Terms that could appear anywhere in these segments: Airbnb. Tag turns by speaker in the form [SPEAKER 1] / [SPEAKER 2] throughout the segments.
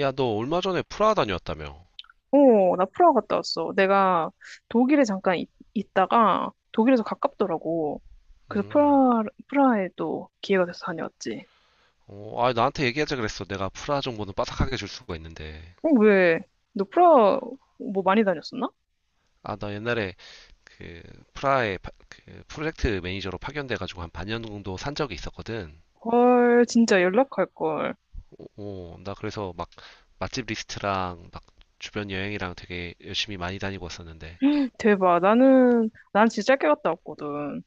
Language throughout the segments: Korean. [SPEAKER 1] 야, 너 얼마 전에 프라하 다녀왔다며?
[SPEAKER 2] 어, 나 프라하 갔다 왔어. 내가 독일에 잠깐 있다가 독일에서 가깝더라고. 그래서 프라하에 또 기회가 돼서 다녀왔지.
[SPEAKER 1] 어, 아, 나한테 얘기하자 그랬어. 내가 프라하 정보는 빠삭하게 줄 수가 있는데.
[SPEAKER 2] 어, 왜? 너 프라하 뭐 많이 다녔었나?
[SPEAKER 1] 아, 나 옛날에 그 프라하의 그 프로젝트 매니저로 파견돼가지고 한 반년 정도 산 적이 있었거든.
[SPEAKER 2] 헐, 진짜 연락할 걸.
[SPEAKER 1] 어, 어, 나 그래서 막 맛집 리스트랑 막 주변 여행이랑 되게 열심히 많이 다니고 왔었는데.
[SPEAKER 2] 대박. 난 진짜 짧게 갔다 왔거든.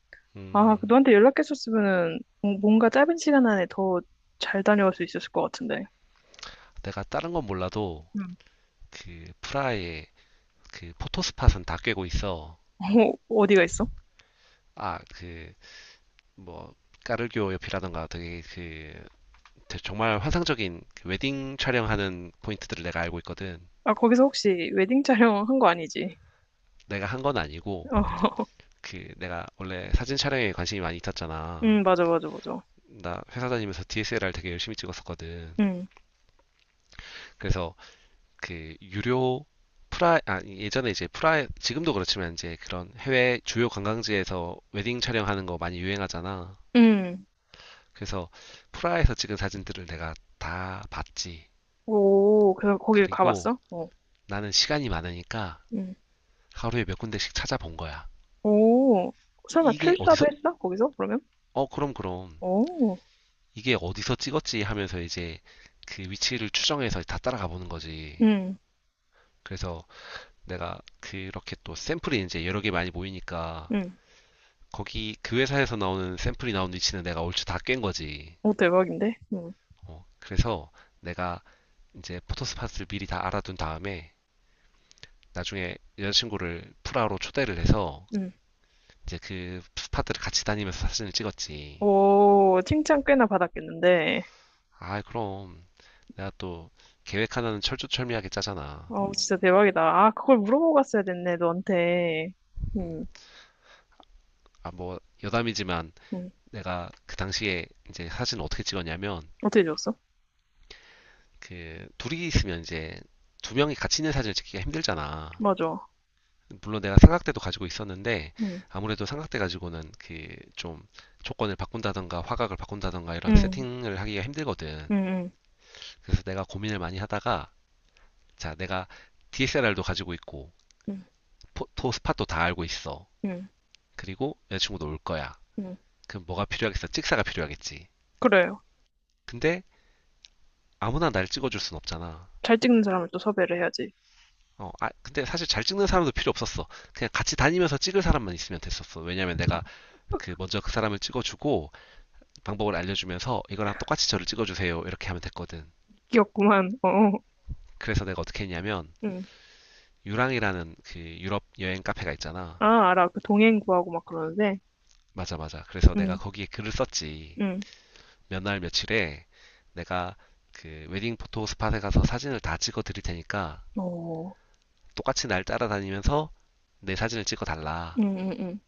[SPEAKER 2] 아, 그
[SPEAKER 1] 음,
[SPEAKER 2] 너한테 연락했었으면은 뭔가 짧은 시간 안에 더 잘 다녀올 수 있었을 것 같은데.
[SPEAKER 1] 내가 다른 건 몰라도
[SPEAKER 2] 응.
[SPEAKER 1] 그 프라하의 그 포토스팟은 다 꿰고 있어.
[SPEAKER 2] 어, 어디가 있어?
[SPEAKER 1] 아, 그 뭐 까르교 옆이라던가 되게 그 정말 환상적인 그 웨딩 촬영하는 포인트들을 내가 알고 있거든.
[SPEAKER 2] 아, 거기서 혹시 웨딩 촬영 한 거 아니지?
[SPEAKER 1] 내가 한 건 아니고,
[SPEAKER 2] 어,
[SPEAKER 1] 그, 내가 원래 사진 촬영에 관심이 많이 있었잖아.
[SPEAKER 2] 응, 맞아, 맞아, 맞아.
[SPEAKER 1] 나 회사 다니면서 DSLR 되게 열심히 찍었었거든.
[SPEAKER 2] 응.
[SPEAKER 1] 그래서 그 유료 아, 예전에 이제 지금도 그렇지만 이제 그런 해외 주요 관광지에서 웨딩 촬영하는 거 많이 유행하잖아.
[SPEAKER 2] 응.
[SPEAKER 1] 그래서 프라에서 찍은 사진들을 내가 다 봤지.
[SPEAKER 2] 오, 그, 거기
[SPEAKER 1] 그리고
[SPEAKER 2] 가봤어? 어.
[SPEAKER 1] 나는 시간이 많으니까
[SPEAKER 2] 응.
[SPEAKER 1] 하루에 몇 군데씩 찾아본 거야.
[SPEAKER 2] 오,
[SPEAKER 1] 이-
[SPEAKER 2] 설마
[SPEAKER 1] 이게
[SPEAKER 2] 출사도
[SPEAKER 1] 어디서
[SPEAKER 2] 했어? 거기서? 그러면?
[SPEAKER 1] 어, 그럼, 그럼.
[SPEAKER 2] 오,
[SPEAKER 1] 이게 어디서 찍었지 하면서 이제 그 위치를 추정해서 다 따라가 보는 거지.
[SPEAKER 2] 응,
[SPEAKER 1] 그래서 내가 그렇게 또 샘플이 이제 여러 개 많이 모이니까
[SPEAKER 2] 응.
[SPEAKER 1] 거기 그 회사에서 나오는 샘플이 나온 위치는 내가 얼추 다 깬 거지.
[SPEAKER 2] 오, 대박인데? 응,
[SPEAKER 1] 어, 그래서 내가 이제 포토스팟을 미리 다 알아둔 다음에 나중에 여자친구를 프라로 초대를 해서
[SPEAKER 2] 응.
[SPEAKER 1] 이제 그 스팟들을 같이 다니면서 사진을 찍었지.
[SPEAKER 2] 오, 칭찬 꽤나 받았겠는데.
[SPEAKER 1] 아, 그럼 내가 또 계획 하나는 철두철미하게 짜잖아.
[SPEAKER 2] 어, 진짜 대박이다. 아, 그걸 물어보고 갔어야 됐네, 너한테.
[SPEAKER 1] 음.
[SPEAKER 2] 응,
[SPEAKER 1] 아, 뭐, 여담이지만
[SPEAKER 2] 응.
[SPEAKER 1] 내가 그 당시에 이제 사진을 어떻게 찍었냐면,
[SPEAKER 2] 어떻게 줬어?
[SPEAKER 1] 그, 둘이 있으면 이제 두 명이 같이 있는 사진을 찍기가 힘들잖아.
[SPEAKER 2] 맞아.
[SPEAKER 1] 물론 내가 삼각대도 가지고 있었는데,
[SPEAKER 2] 응,
[SPEAKER 1] 아무래도 삼각대 가지고는 그, 좀, 조건을 바꾼다던가 화각을 바꾼다던가 이런
[SPEAKER 2] 응,
[SPEAKER 1] 세팅을 하기가 힘들거든.
[SPEAKER 2] 응,
[SPEAKER 1] 그래서 내가 고민을 많이 하다가, 자, 내가 DSLR도 가지고 있고,
[SPEAKER 2] 응,
[SPEAKER 1] 포토 스팟도 다 알고 있어.
[SPEAKER 2] 응,
[SPEAKER 1] 그리고 여자친구도 올 거야.
[SPEAKER 2] 응.
[SPEAKER 1] 그럼 뭐가 필요하겠어? 찍사가 필요하겠지.
[SPEAKER 2] 그래요.
[SPEAKER 1] 근데 아무나 날 찍어줄 순 없잖아.
[SPEAKER 2] 잘 찍는 사람을 또 섭외를 해야지.
[SPEAKER 1] 어, 아, 근데 사실 잘 찍는 사람도 필요 없었어. 그냥 같이 다니면서 찍을 사람만 있으면 됐었어. 왜냐면 내가 그 먼저 그 사람을 찍어주고 방법을 알려주면서 이거랑 똑같이 저를 찍어주세요. 이렇게 하면 됐거든.
[SPEAKER 2] 귀엽구만. 어,
[SPEAKER 1] 그래서 내가 어떻게 했냐면
[SPEAKER 2] 응.
[SPEAKER 1] 유랑이라는 그 유럽 여행 카페가 있잖아.
[SPEAKER 2] 아, 알아. 그 동행 구하고 막 그러는데.
[SPEAKER 1] 맞아, 맞아. 그래서 내가
[SPEAKER 2] 응,
[SPEAKER 1] 거기에 글을 썼지.
[SPEAKER 2] 응.
[SPEAKER 1] 몇 날 며칠에 내가 그 웨딩 포토 스팟에 가서 사진을 다 찍어 드릴 테니까
[SPEAKER 2] 어,
[SPEAKER 1] 똑같이 날 따라다니면서 내 사진을 찍어 달라
[SPEAKER 2] 응응응.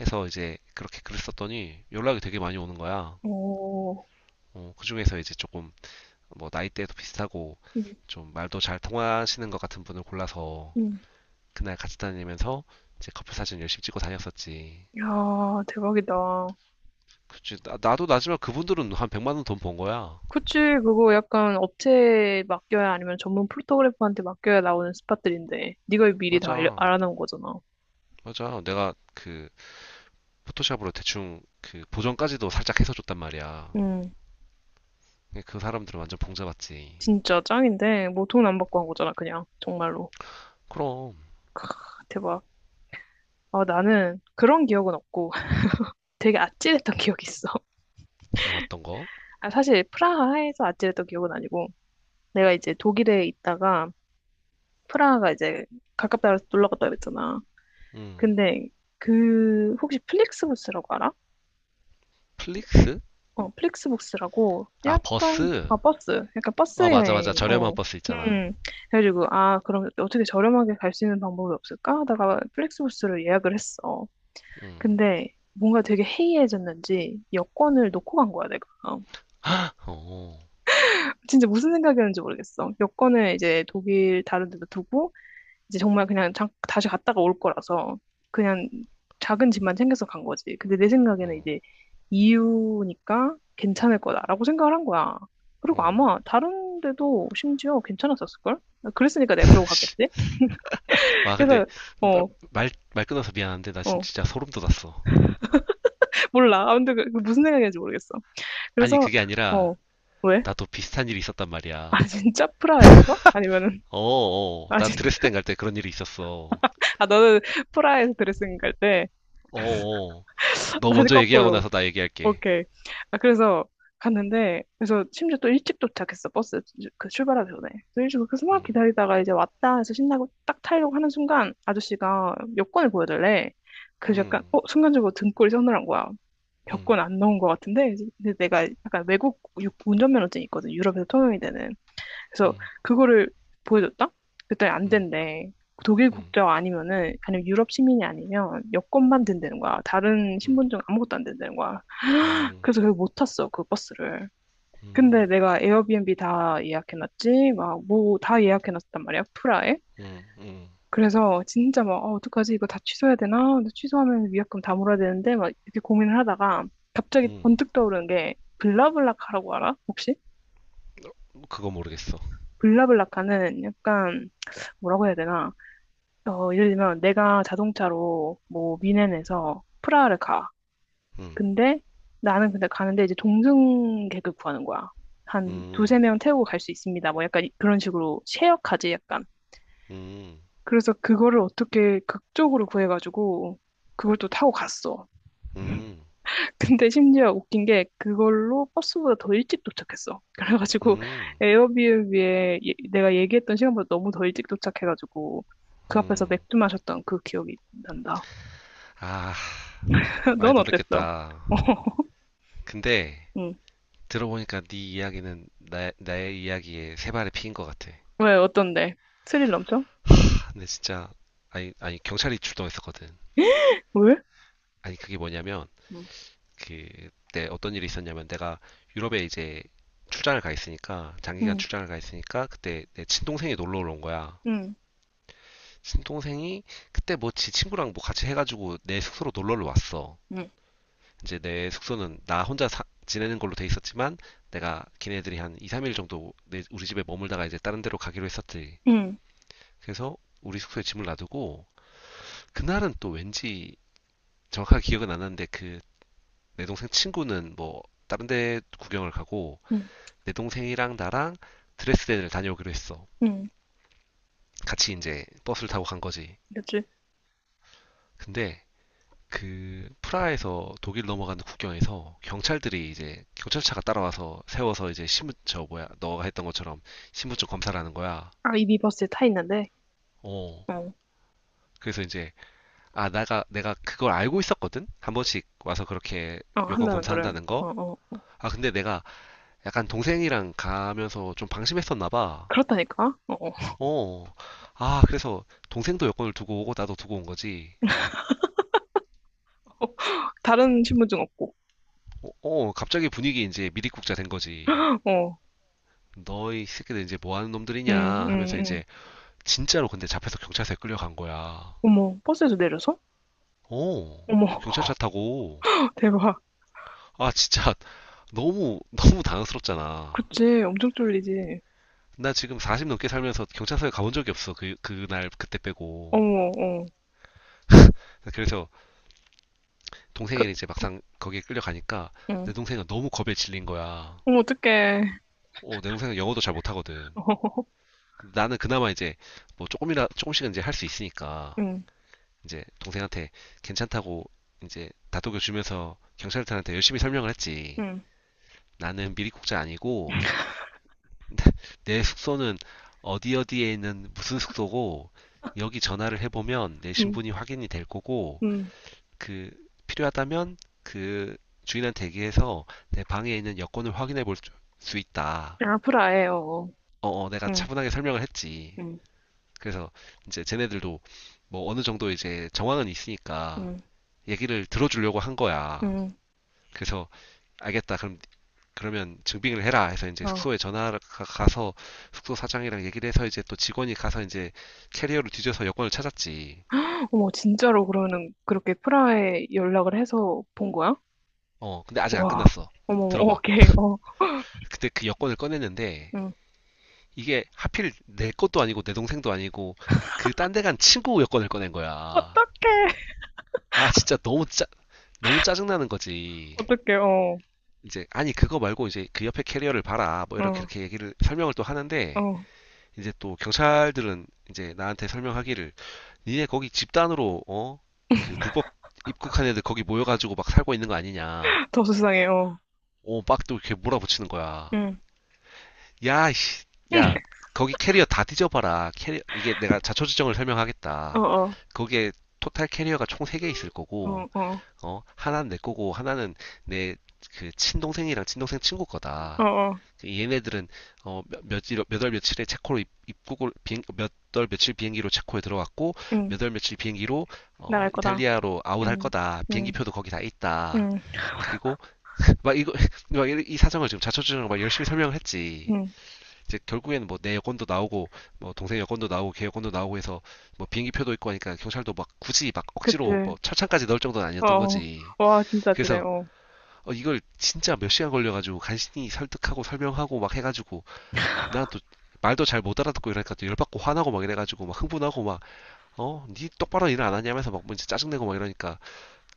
[SPEAKER 1] 해서 이제 그렇게 글을 썼더니 연락이 되게 많이 오는 거야.
[SPEAKER 2] 오,
[SPEAKER 1] 어, 그중에서 이제 조금 뭐 나이대도 비슷하고
[SPEAKER 2] 응,
[SPEAKER 1] 좀 말도 잘 통하시는 것 같은 분을 골라서
[SPEAKER 2] 응.
[SPEAKER 1] 그날 같이 다니면서 이제 커플 사진 열심히 찍고 다녔었지.
[SPEAKER 2] 야, 대박이다.
[SPEAKER 1] 그치, 나, 도 나지만 그분들은 한 100만 원 돈 번 거야.
[SPEAKER 2] 그치, 그거 약간 업체에 맡겨야 아니면 전문 포토그래퍼한테 맡겨야 나오는 스팟들인데, 네가 미리 다
[SPEAKER 1] 맞아.
[SPEAKER 2] 알아놓은 거잖아.
[SPEAKER 1] 맞아. 내가 그 포토샵으로 대충 그 보정까지도 살짝 해서 줬단 말이야.
[SPEAKER 2] 응,
[SPEAKER 1] 그 사람들은 완전 봉잡았지.
[SPEAKER 2] 진짜 짱인데, 뭐 돈 안 받고 한 거잖아, 그냥. 정말로.
[SPEAKER 1] 그럼
[SPEAKER 2] 아, 대박. 아, 나는 그런 기억은 없고, 되게 아찔했던 기억이 있어.
[SPEAKER 1] 어, 떤 거?
[SPEAKER 2] 아, 사실 프라하에서 아찔했던 기억은 아니고, 내가 이제 독일에 있다가, 프라하가 이제 가깝다 그래서 놀러 갔다 그랬잖아. 근데 그 혹시 플릭스부스라고 알아?
[SPEAKER 1] 플릭스?
[SPEAKER 2] 어, 플릭스부스라고
[SPEAKER 1] 아,
[SPEAKER 2] 약간
[SPEAKER 1] 버스.
[SPEAKER 2] 아 버스, 약간 버스
[SPEAKER 1] 아, 맞아 맞아.
[SPEAKER 2] 여행.
[SPEAKER 1] 저렴한
[SPEAKER 2] 어.
[SPEAKER 1] 버스 있잖아.
[SPEAKER 2] 음. 그래가지고 아 그럼 어떻게 저렴하게 갈 수 있는 방법이 없을까 하다가 플릭스부스를 예약을 했어. 근데 뭔가 되게 해이해졌는지 여권을 놓고 간 거야 내가.
[SPEAKER 1] 어.
[SPEAKER 2] 진짜 무슨 생각이었는지 모르겠어. 여권을 이제 독일 다른 데도 두고 이제 정말 그냥 다시 갔다가 올 거라서 그냥 작은 집만 챙겨서 간 거지. 근데 내 생각에는
[SPEAKER 1] 어.
[SPEAKER 2] 이제 이유니까 괜찮을 거다라고 생각을 한 거야. 그리고
[SPEAKER 1] 어.
[SPEAKER 2] 아마 다른 데도 심지어 괜찮았었을걸? 아, 그랬으니까 내가 그러고 갔겠지?
[SPEAKER 1] 와 근데
[SPEAKER 2] 그래서,
[SPEAKER 1] 마-
[SPEAKER 2] 어,
[SPEAKER 1] 말 끊어서 미안한데 나
[SPEAKER 2] 어,
[SPEAKER 1] 진짜 소름 돋았어.
[SPEAKER 2] 몰라. 아무튼 그 무슨 생각인지 모르겠어.
[SPEAKER 1] 아니,
[SPEAKER 2] 그래서,
[SPEAKER 1] 그게 아니라
[SPEAKER 2] 어, 왜?
[SPEAKER 1] 나도 비슷한 일이 있었단
[SPEAKER 2] 아,
[SPEAKER 1] 말이야.
[SPEAKER 2] 진짜? 프라하에서? 아니면은,
[SPEAKER 1] 어, 어.
[SPEAKER 2] 아,
[SPEAKER 1] 나
[SPEAKER 2] 진짜?
[SPEAKER 1] 드레스덴 갈 때 그런 일이 있었어.
[SPEAKER 2] 아, 너는 프라하에서 드레싱 갈 때,
[SPEAKER 1] 어, 어. 너
[SPEAKER 2] 나는
[SPEAKER 1] 먼저 얘기하고
[SPEAKER 2] 거꾸로.
[SPEAKER 1] 나서 나 얘기할게.
[SPEAKER 2] 오케이. 아, 그래서 갔는데, 그래서 심지어 또 일찍 도착했어, 그 출발하기 전에. 그래서 일찍 그렇게 막
[SPEAKER 1] 음,
[SPEAKER 2] 기다리다가 이제 왔다 해서 신나고 딱 타려고 하는 순간 아저씨가 여권을 보여달래. 그래서 약간,
[SPEAKER 1] 음,
[SPEAKER 2] 어, 순간적으로 등골이 서늘한 거야. 여권
[SPEAKER 1] 음,
[SPEAKER 2] 안 넣은 것 같은데, 근데 내가 약간 외국 운전면허증이 있거든, 유럽에서 통용이 되는. 그래서 그거를 보여줬다? 그때 안
[SPEAKER 1] 음,
[SPEAKER 2] 된대. 독일
[SPEAKER 1] 음, 음,
[SPEAKER 2] 국적 아니면은, 아니면 유럽 시민이 아니면 여권만 된다는 거야. 다른 신분증 아무것도 안 된다는 거야.
[SPEAKER 1] 음,
[SPEAKER 2] 그래서 결국 못 탔어, 그 버스를.
[SPEAKER 1] 음,
[SPEAKER 2] 근데 내가 에어비앤비 다 예약해놨지, 막, 뭐, 다 예약해놨단 말이야, 프라에.
[SPEAKER 1] 음, 음, 음,
[SPEAKER 2] 그래서 진짜 막, 어, 어떡하지, 이거 다 취소해야 되나? 근데 취소하면 위약금 다 물어야 되는데, 막, 이렇게 고민을 하다가, 갑자기
[SPEAKER 1] 음.
[SPEAKER 2] 번뜩 떠오르는 게, 블라블라카라고 알아? 혹시?
[SPEAKER 1] 그거 모르겠어.
[SPEAKER 2] 블라블라카는 약간, 뭐라고 해야 되나? 어, 예를 들면, 내가 자동차로, 뭐, 미넨에서 프라하를 가.
[SPEAKER 1] 음,
[SPEAKER 2] 근데 나는 근데 가는데 이제 동승객을 구하는 거야. 한
[SPEAKER 1] 음,
[SPEAKER 2] 두세 명 태우고 갈 수 있습니다. 뭐 약간 그런 식으로 쉐어카지 약간.
[SPEAKER 1] 음,
[SPEAKER 2] 그래서 그거를 어떻게 극적으로 구해가지고 그걸 또 타고 갔어.
[SPEAKER 1] 음,
[SPEAKER 2] 근데 심지어 웃긴 게 그걸로 버스보다 더 일찍 도착했어. 그래가지고
[SPEAKER 1] 음,
[SPEAKER 2] 에어비앤비에 내가 얘기했던 시간보다 너무 더 일찍 도착해가지고 그 앞에서
[SPEAKER 1] 음.
[SPEAKER 2] 맥주 마셨던 그 기억이 난다.
[SPEAKER 1] 아, 많이
[SPEAKER 2] 넌 어땠어?
[SPEAKER 1] 놀랬겠다. 근데
[SPEAKER 2] 응.
[SPEAKER 1] 들어보니까 네 이야기는 나, 나의 이야기에 세 발의 피인 것 같아.
[SPEAKER 2] 왜 어떤데? 스릴 넘쳐? 응.
[SPEAKER 1] 아, 근데 진짜 아니 아니 경찰이 출동했었거든.
[SPEAKER 2] 왜?
[SPEAKER 1] 아니 그게 뭐냐면 그때 어떤 일이 있었냐면 내가 유럽에 이제 출장을 가 있으니까 장기간
[SPEAKER 2] 응,
[SPEAKER 1] 출장을 가 있으니까 그때 내 친동생이 놀러 온 거야.
[SPEAKER 2] 응,
[SPEAKER 1] 친동생이 그때 뭐지 친구랑 뭐 같이 해가지고 내 숙소로 놀러를 왔어.
[SPEAKER 2] 응,
[SPEAKER 1] 이제 내 숙소는 나 혼자 지내는 걸로 돼 있었지만 내가 걔네들이 한 2, 3일 정도 우리 집에 머물다가 이제 다른 데로 가기로 했었지.
[SPEAKER 2] 응,
[SPEAKER 1] 그래서 우리 숙소에 짐을 놔두고 그날은 또 왠지 정확하게 기억은 안 나는데 그 내 동생 친구는 뭐 다른 데 구경을 가고
[SPEAKER 2] 응,
[SPEAKER 1] 내 동생이랑 나랑 드레스덴을 다녀오기로 했어.
[SPEAKER 2] 응.
[SPEAKER 1] 같이 이제 버스를 타고 간 거지.
[SPEAKER 2] 그치?
[SPEAKER 1] 근데 그 프라하에서 독일 넘어가는 국경에서 경찰들이 이제 경찰차가 따라와서 세워서 이제 신분 저 뭐야 너가 했던 것처럼 신분증 검사를 하는 거야.
[SPEAKER 2] 아, 이 미버스에 타 있는데,
[SPEAKER 1] 어.
[SPEAKER 2] 어,
[SPEAKER 1] 그래서 이제 아, 내가, 내가 그걸 알고 있었거든? 한 번씩 와서 그렇게
[SPEAKER 2] 어, 한
[SPEAKER 1] 여권
[SPEAKER 2] 명은 그래.
[SPEAKER 1] 검사한다는
[SPEAKER 2] 어,
[SPEAKER 1] 거?
[SPEAKER 2] 어.
[SPEAKER 1] 아, 근데 내가 약간 동생이랑 가면서 좀 방심했었나 봐.
[SPEAKER 2] 그렇다니까? 어, 어.
[SPEAKER 1] 어. 아, 그래서 동생도 여권을 두고 오고 나도 두고 온 거지.
[SPEAKER 2] 다른 신분증 없고.
[SPEAKER 1] 어, 어, 갑자기 분위기 이제 미리국자 된 거지.
[SPEAKER 2] 어,
[SPEAKER 1] 너희 새끼들 이제 뭐 하는 놈들이냐
[SPEAKER 2] 응, 응,
[SPEAKER 1] 하면서
[SPEAKER 2] 응.
[SPEAKER 1] 이제 진짜로 근데 잡혀서 경찰서에 끌려간 거야.
[SPEAKER 2] 어머, 버스에서 내려서?
[SPEAKER 1] 어.
[SPEAKER 2] 어머,
[SPEAKER 1] 경찰차 타고.
[SPEAKER 2] 대박.
[SPEAKER 1] 아, 진짜 너무, 너무 당황스럽잖아.
[SPEAKER 2] 그치, 엄청 쫄리지.
[SPEAKER 1] 나 지금 40 넘게 살면서 경찰서에 가본 적이 없어. 그, 그날, 그때 빼고.
[SPEAKER 2] 어머, 어.
[SPEAKER 1] 그래서
[SPEAKER 2] 그,
[SPEAKER 1] 동생이 이제
[SPEAKER 2] 어,
[SPEAKER 1] 막상 거기에 끌려가니까 내
[SPEAKER 2] 응.
[SPEAKER 1] 동생은 너무 겁에 질린 거야.
[SPEAKER 2] 어머, 어떡해.
[SPEAKER 1] 어, 내 동생은 영어도 잘 못하거든.
[SPEAKER 2] 어,
[SPEAKER 1] 나는 그나마 이제 뭐 조금이라, 조금씩은 이제 할 수 있으니까
[SPEAKER 2] 응,
[SPEAKER 1] 이제 동생한테 괜찮다고 이제 다독여 주면서 경찰들한테 열심히 설명을 했지.
[SPEAKER 2] 응,
[SPEAKER 1] 나는 미리국자 아니고 내 숙소는 어디 어디에 있는 무슨 숙소고 여기 전화를 해보면 내
[SPEAKER 2] 응,
[SPEAKER 1] 신분이 확인이 될 거고
[SPEAKER 2] 응.
[SPEAKER 1] 그 필요하다면 그 주인한테 얘기해서 내 방에 있는 여권을 확인해 볼 수 있다.
[SPEAKER 2] 아, 프라해, 어. 어.
[SPEAKER 1] 어, 어, 내가
[SPEAKER 2] 응,
[SPEAKER 1] 차분하게 설명을 했지.
[SPEAKER 2] 응,
[SPEAKER 1] 그래서 이제 쟤네들도 뭐 어느 정도 이제 정황은 있으니까
[SPEAKER 2] 응,
[SPEAKER 1] 얘기를 들어주려고 한 거야.
[SPEAKER 2] 응.
[SPEAKER 1] 그래서 알겠다. 그럼 그러면 증빙을 해라 해서 이제
[SPEAKER 2] 어,
[SPEAKER 1] 숙소에 전화가 가서 숙소 사장이랑 얘기를 해서 이제 또 직원이 가서 이제 캐리어를 뒤져서 여권을 찾았지.
[SPEAKER 2] 어머, 진짜로 그러면 그렇게 프라하에 연락을 해서 본 거야?
[SPEAKER 1] 어, 근데 아직 안
[SPEAKER 2] 와,
[SPEAKER 1] 끝났어.
[SPEAKER 2] 어머, 어머,
[SPEAKER 1] 들어봐.
[SPEAKER 2] 오케이, 어,
[SPEAKER 1] 그때 그 여권을 꺼냈는데
[SPEAKER 2] 응.
[SPEAKER 1] 이게 하필 내 것도 아니고 내 동생도 아니고 그 딴 데 간 친구 여권을 꺼낸 거야.
[SPEAKER 2] 어떡해,
[SPEAKER 1] 아 진짜 너무 짜 너무 짜증나는 거지.
[SPEAKER 2] 어떡해, 어,
[SPEAKER 1] 이제 아니 그거 말고 이제 그 옆에 캐리어를 봐라 뭐 이렇게
[SPEAKER 2] 어,
[SPEAKER 1] 이렇게 얘기를 설명을 또 하는데
[SPEAKER 2] 어,
[SPEAKER 1] 이제 또 경찰들은 이제 나한테 설명하기를 니네 거기 집단으로 어 그 불법 입국한 애들 거기 모여가지고 막 살고 있는 거 아니냐.
[SPEAKER 2] 더 수상해, 어,
[SPEAKER 1] 오 막 또 이렇게 몰아붙이는 거야.
[SPEAKER 2] 응,
[SPEAKER 1] 야, 씨, 야, 거기 캐리어 다 뒤져봐라. 캐리 이게 내가 자초지종을
[SPEAKER 2] 어,
[SPEAKER 1] 설명하겠다.
[SPEAKER 2] 어,
[SPEAKER 1] 거기에 토탈 캐리어가 총 3개 있을 거고,
[SPEAKER 2] 어, 어,
[SPEAKER 1] 어, 하나는 내 거고, 하나는 내 그 친동생이랑 친동생 친구
[SPEAKER 2] 어,
[SPEAKER 1] 거다.
[SPEAKER 2] 어,
[SPEAKER 1] 그 얘네들은 어, 몇월 며칠에 체코로 입국을 몇월 며칠 비행기로 체코에 들어왔고,
[SPEAKER 2] 응,
[SPEAKER 1] 몇월 며칠 비행기로 어,
[SPEAKER 2] 나갈 거다,
[SPEAKER 1] 이탈리아로 아웃할
[SPEAKER 2] 응,
[SPEAKER 1] 거다.
[SPEAKER 2] 응,
[SPEAKER 1] 비행기표도 거기 다 있다.
[SPEAKER 2] 응,
[SPEAKER 1] 그리고 막 이거 막 이 사정을 지금 자초지종을 막 열심히 설명을 했지.
[SPEAKER 2] 응,
[SPEAKER 1] 이제 결국에는 뭐 내 여권도 나오고 뭐 동생 여권도 나오고 걔 여권도 나오고 해서 뭐 비행기 표도 있고 하니까 경찰도 막 굳이 막 억지로
[SPEAKER 2] 그치,
[SPEAKER 1] 뭐 철창까지 넣을 정도는
[SPEAKER 2] 어,
[SPEAKER 1] 아니었던
[SPEAKER 2] 어.
[SPEAKER 1] 거지.
[SPEAKER 2] 와, 진짜 아찔해,
[SPEAKER 1] 그래서
[SPEAKER 2] 어,
[SPEAKER 1] 어, 이걸 진짜 몇 시간 걸려가지고 간신히 설득하고 설명하고 막 해가지고 난 또 말도 잘 못 알아듣고 이러니까 또 열받고 화나고 막 이래가지고 막 흥분하고 막 어? 니 똑바로 일을 안 하냐면서 막 뭔지 짜증내고 막 이러니까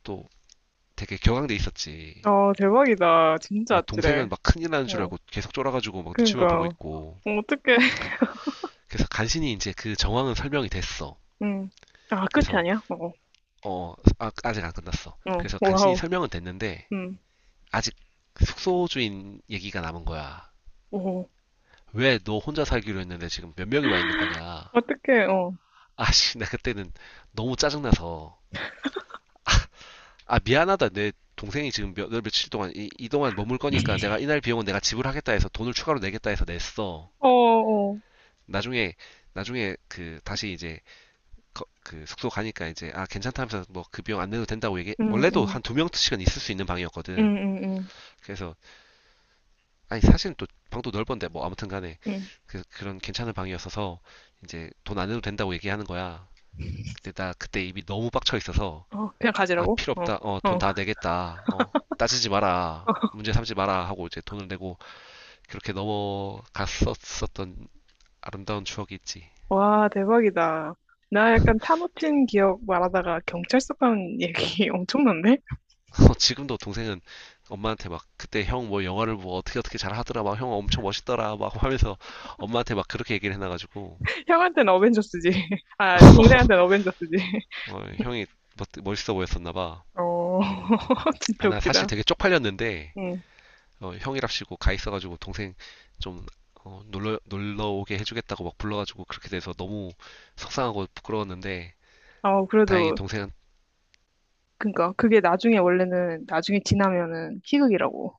[SPEAKER 1] 또 되게 격앙돼 있었지.
[SPEAKER 2] 어, 대박이다, 진짜
[SPEAKER 1] 어,
[SPEAKER 2] 아찔해,
[SPEAKER 1] 동생은 막 큰일 나는 줄
[SPEAKER 2] 어,
[SPEAKER 1] 알고 계속 쫄아가지고 막 눈치만 보고
[SPEAKER 2] 그니까, 어,
[SPEAKER 1] 있고.
[SPEAKER 2] 어떡해,
[SPEAKER 1] 그래서 간신히 이제 그 정황은 설명이 됐어.
[SPEAKER 2] 응, 아, 끝이
[SPEAKER 1] 그래서
[SPEAKER 2] 아니야? 어,
[SPEAKER 1] 어 아, 아직 안 끝났어.
[SPEAKER 2] 어,
[SPEAKER 1] 그래서
[SPEAKER 2] 어,
[SPEAKER 1] 간신히
[SPEAKER 2] 와우,
[SPEAKER 1] 설명은 됐는데
[SPEAKER 2] 응,
[SPEAKER 1] 아직 숙소 주인 얘기가 남은 거야.
[SPEAKER 2] 오.
[SPEAKER 1] 왜 너 혼자 살기로 했는데 지금 몇 명이 와 있는 거냐?
[SPEAKER 2] 어떡해, 어.
[SPEAKER 1] 아씨 나 그때는 너무 짜증나서 아 미안하다 내 동생이 지금 몇, 며칠 동안 이 동안 머물 거니까 내가 이날 비용은 내가 지불하겠다 해서 돈을 추가로 내겠다 해서 냈어.
[SPEAKER 2] 어, 어.
[SPEAKER 1] 나중에 나중에 그 다시 이제 그 숙소 가니까 이제 아 괜찮다면서 뭐 그 비용 안 내도 된다고 얘기
[SPEAKER 2] 응,
[SPEAKER 1] 원래도
[SPEAKER 2] 응,
[SPEAKER 1] 한 두 명씩은 있을 수 있는
[SPEAKER 2] 응,
[SPEAKER 1] 방이었거든.
[SPEAKER 2] 응, 응.
[SPEAKER 1] 그래서 아니 사실 또 방도 넓은데 뭐 아무튼 간에
[SPEAKER 2] 응.
[SPEAKER 1] 그, 그런 괜찮은 방이었어서 이제 돈 안 내도 된다고 얘기하는 거야. 근데 나 그때 입이 너무 빡쳐 있어서
[SPEAKER 2] 어, 그냥
[SPEAKER 1] 아
[SPEAKER 2] 가지라고?
[SPEAKER 1] 필요
[SPEAKER 2] 어,
[SPEAKER 1] 없다. 어 돈
[SPEAKER 2] 어.
[SPEAKER 1] 다 내겠다. 어 따지지 마라. 문제 삼지 마라 하고 이제 돈을 내고 그렇게 넘어갔었었던 아름다운 추억이 있지.
[SPEAKER 2] 와, 대박이다. 나 약간 차 놓친 기억 말하다가 경찰서 간 얘기 엄청난데?
[SPEAKER 1] 어, 지금도 동생은 엄마한테 막 그때 형 뭐 영화를 뭐 어떻게 어떻게 잘 하더라 막 형 엄청 멋있더라 막 하면서 엄마한테 막 그렇게 얘기를 해놔가지고
[SPEAKER 2] 형한테는 어벤져스지. 아, 동생한테는 어벤져스지.
[SPEAKER 1] 어, 형이 멋있어 보였었나 봐.
[SPEAKER 2] 어,
[SPEAKER 1] 아,
[SPEAKER 2] 진짜
[SPEAKER 1] 나 사실
[SPEAKER 2] 웃기다.
[SPEAKER 1] 되게 쪽팔렸는데,
[SPEAKER 2] 응.
[SPEAKER 1] 어, 형이랍시고 가 있어가지고 동생 좀 어, 놀러 오게 해주겠다고 막 불러가지고 그렇게 돼서 너무 속상하고 부끄러웠는데,
[SPEAKER 2] 어,
[SPEAKER 1] 다행히
[SPEAKER 2] 그래도,
[SPEAKER 1] 동생은,
[SPEAKER 2] 그니까, 그게 나중에 원래는, 나중에 지나면은 희극이라고.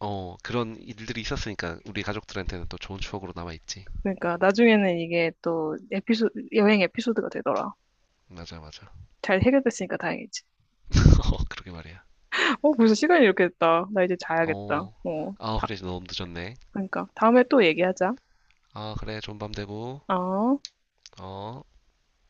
[SPEAKER 1] 어, 그런 일들이 있었으니까 우리 가족들한테는 또 좋은 추억으로 남아있지.
[SPEAKER 2] 그러니까, 나중에는 이게 또 에피소드, 여행 에피소드가 되더라.
[SPEAKER 1] 맞아, 맞아.
[SPEAKER 2] 잘 해결됐으니까 다행이지.
[SPEAKER 1] 어, 그러게 말이야.
[SPEAKER 2] 어, 벌써 시간이 이렇게 됐다. 나 이제 자야겠다.
[SPEAKER 1] 어,
[SPEAKER 2] 어,
[SPEAKER 1] 아,
[SPEAKER 2] 다,
[SPEAKER 1] 그래, 너무 늦었네.
[SPEAKER 2] 그러니까 다음에 또 얘기하자.
[SPEAKER 1] 아, 그래, 좋은 밤 되고,
[SPEAKER 2] 어.
[SPEAKER 1] 어.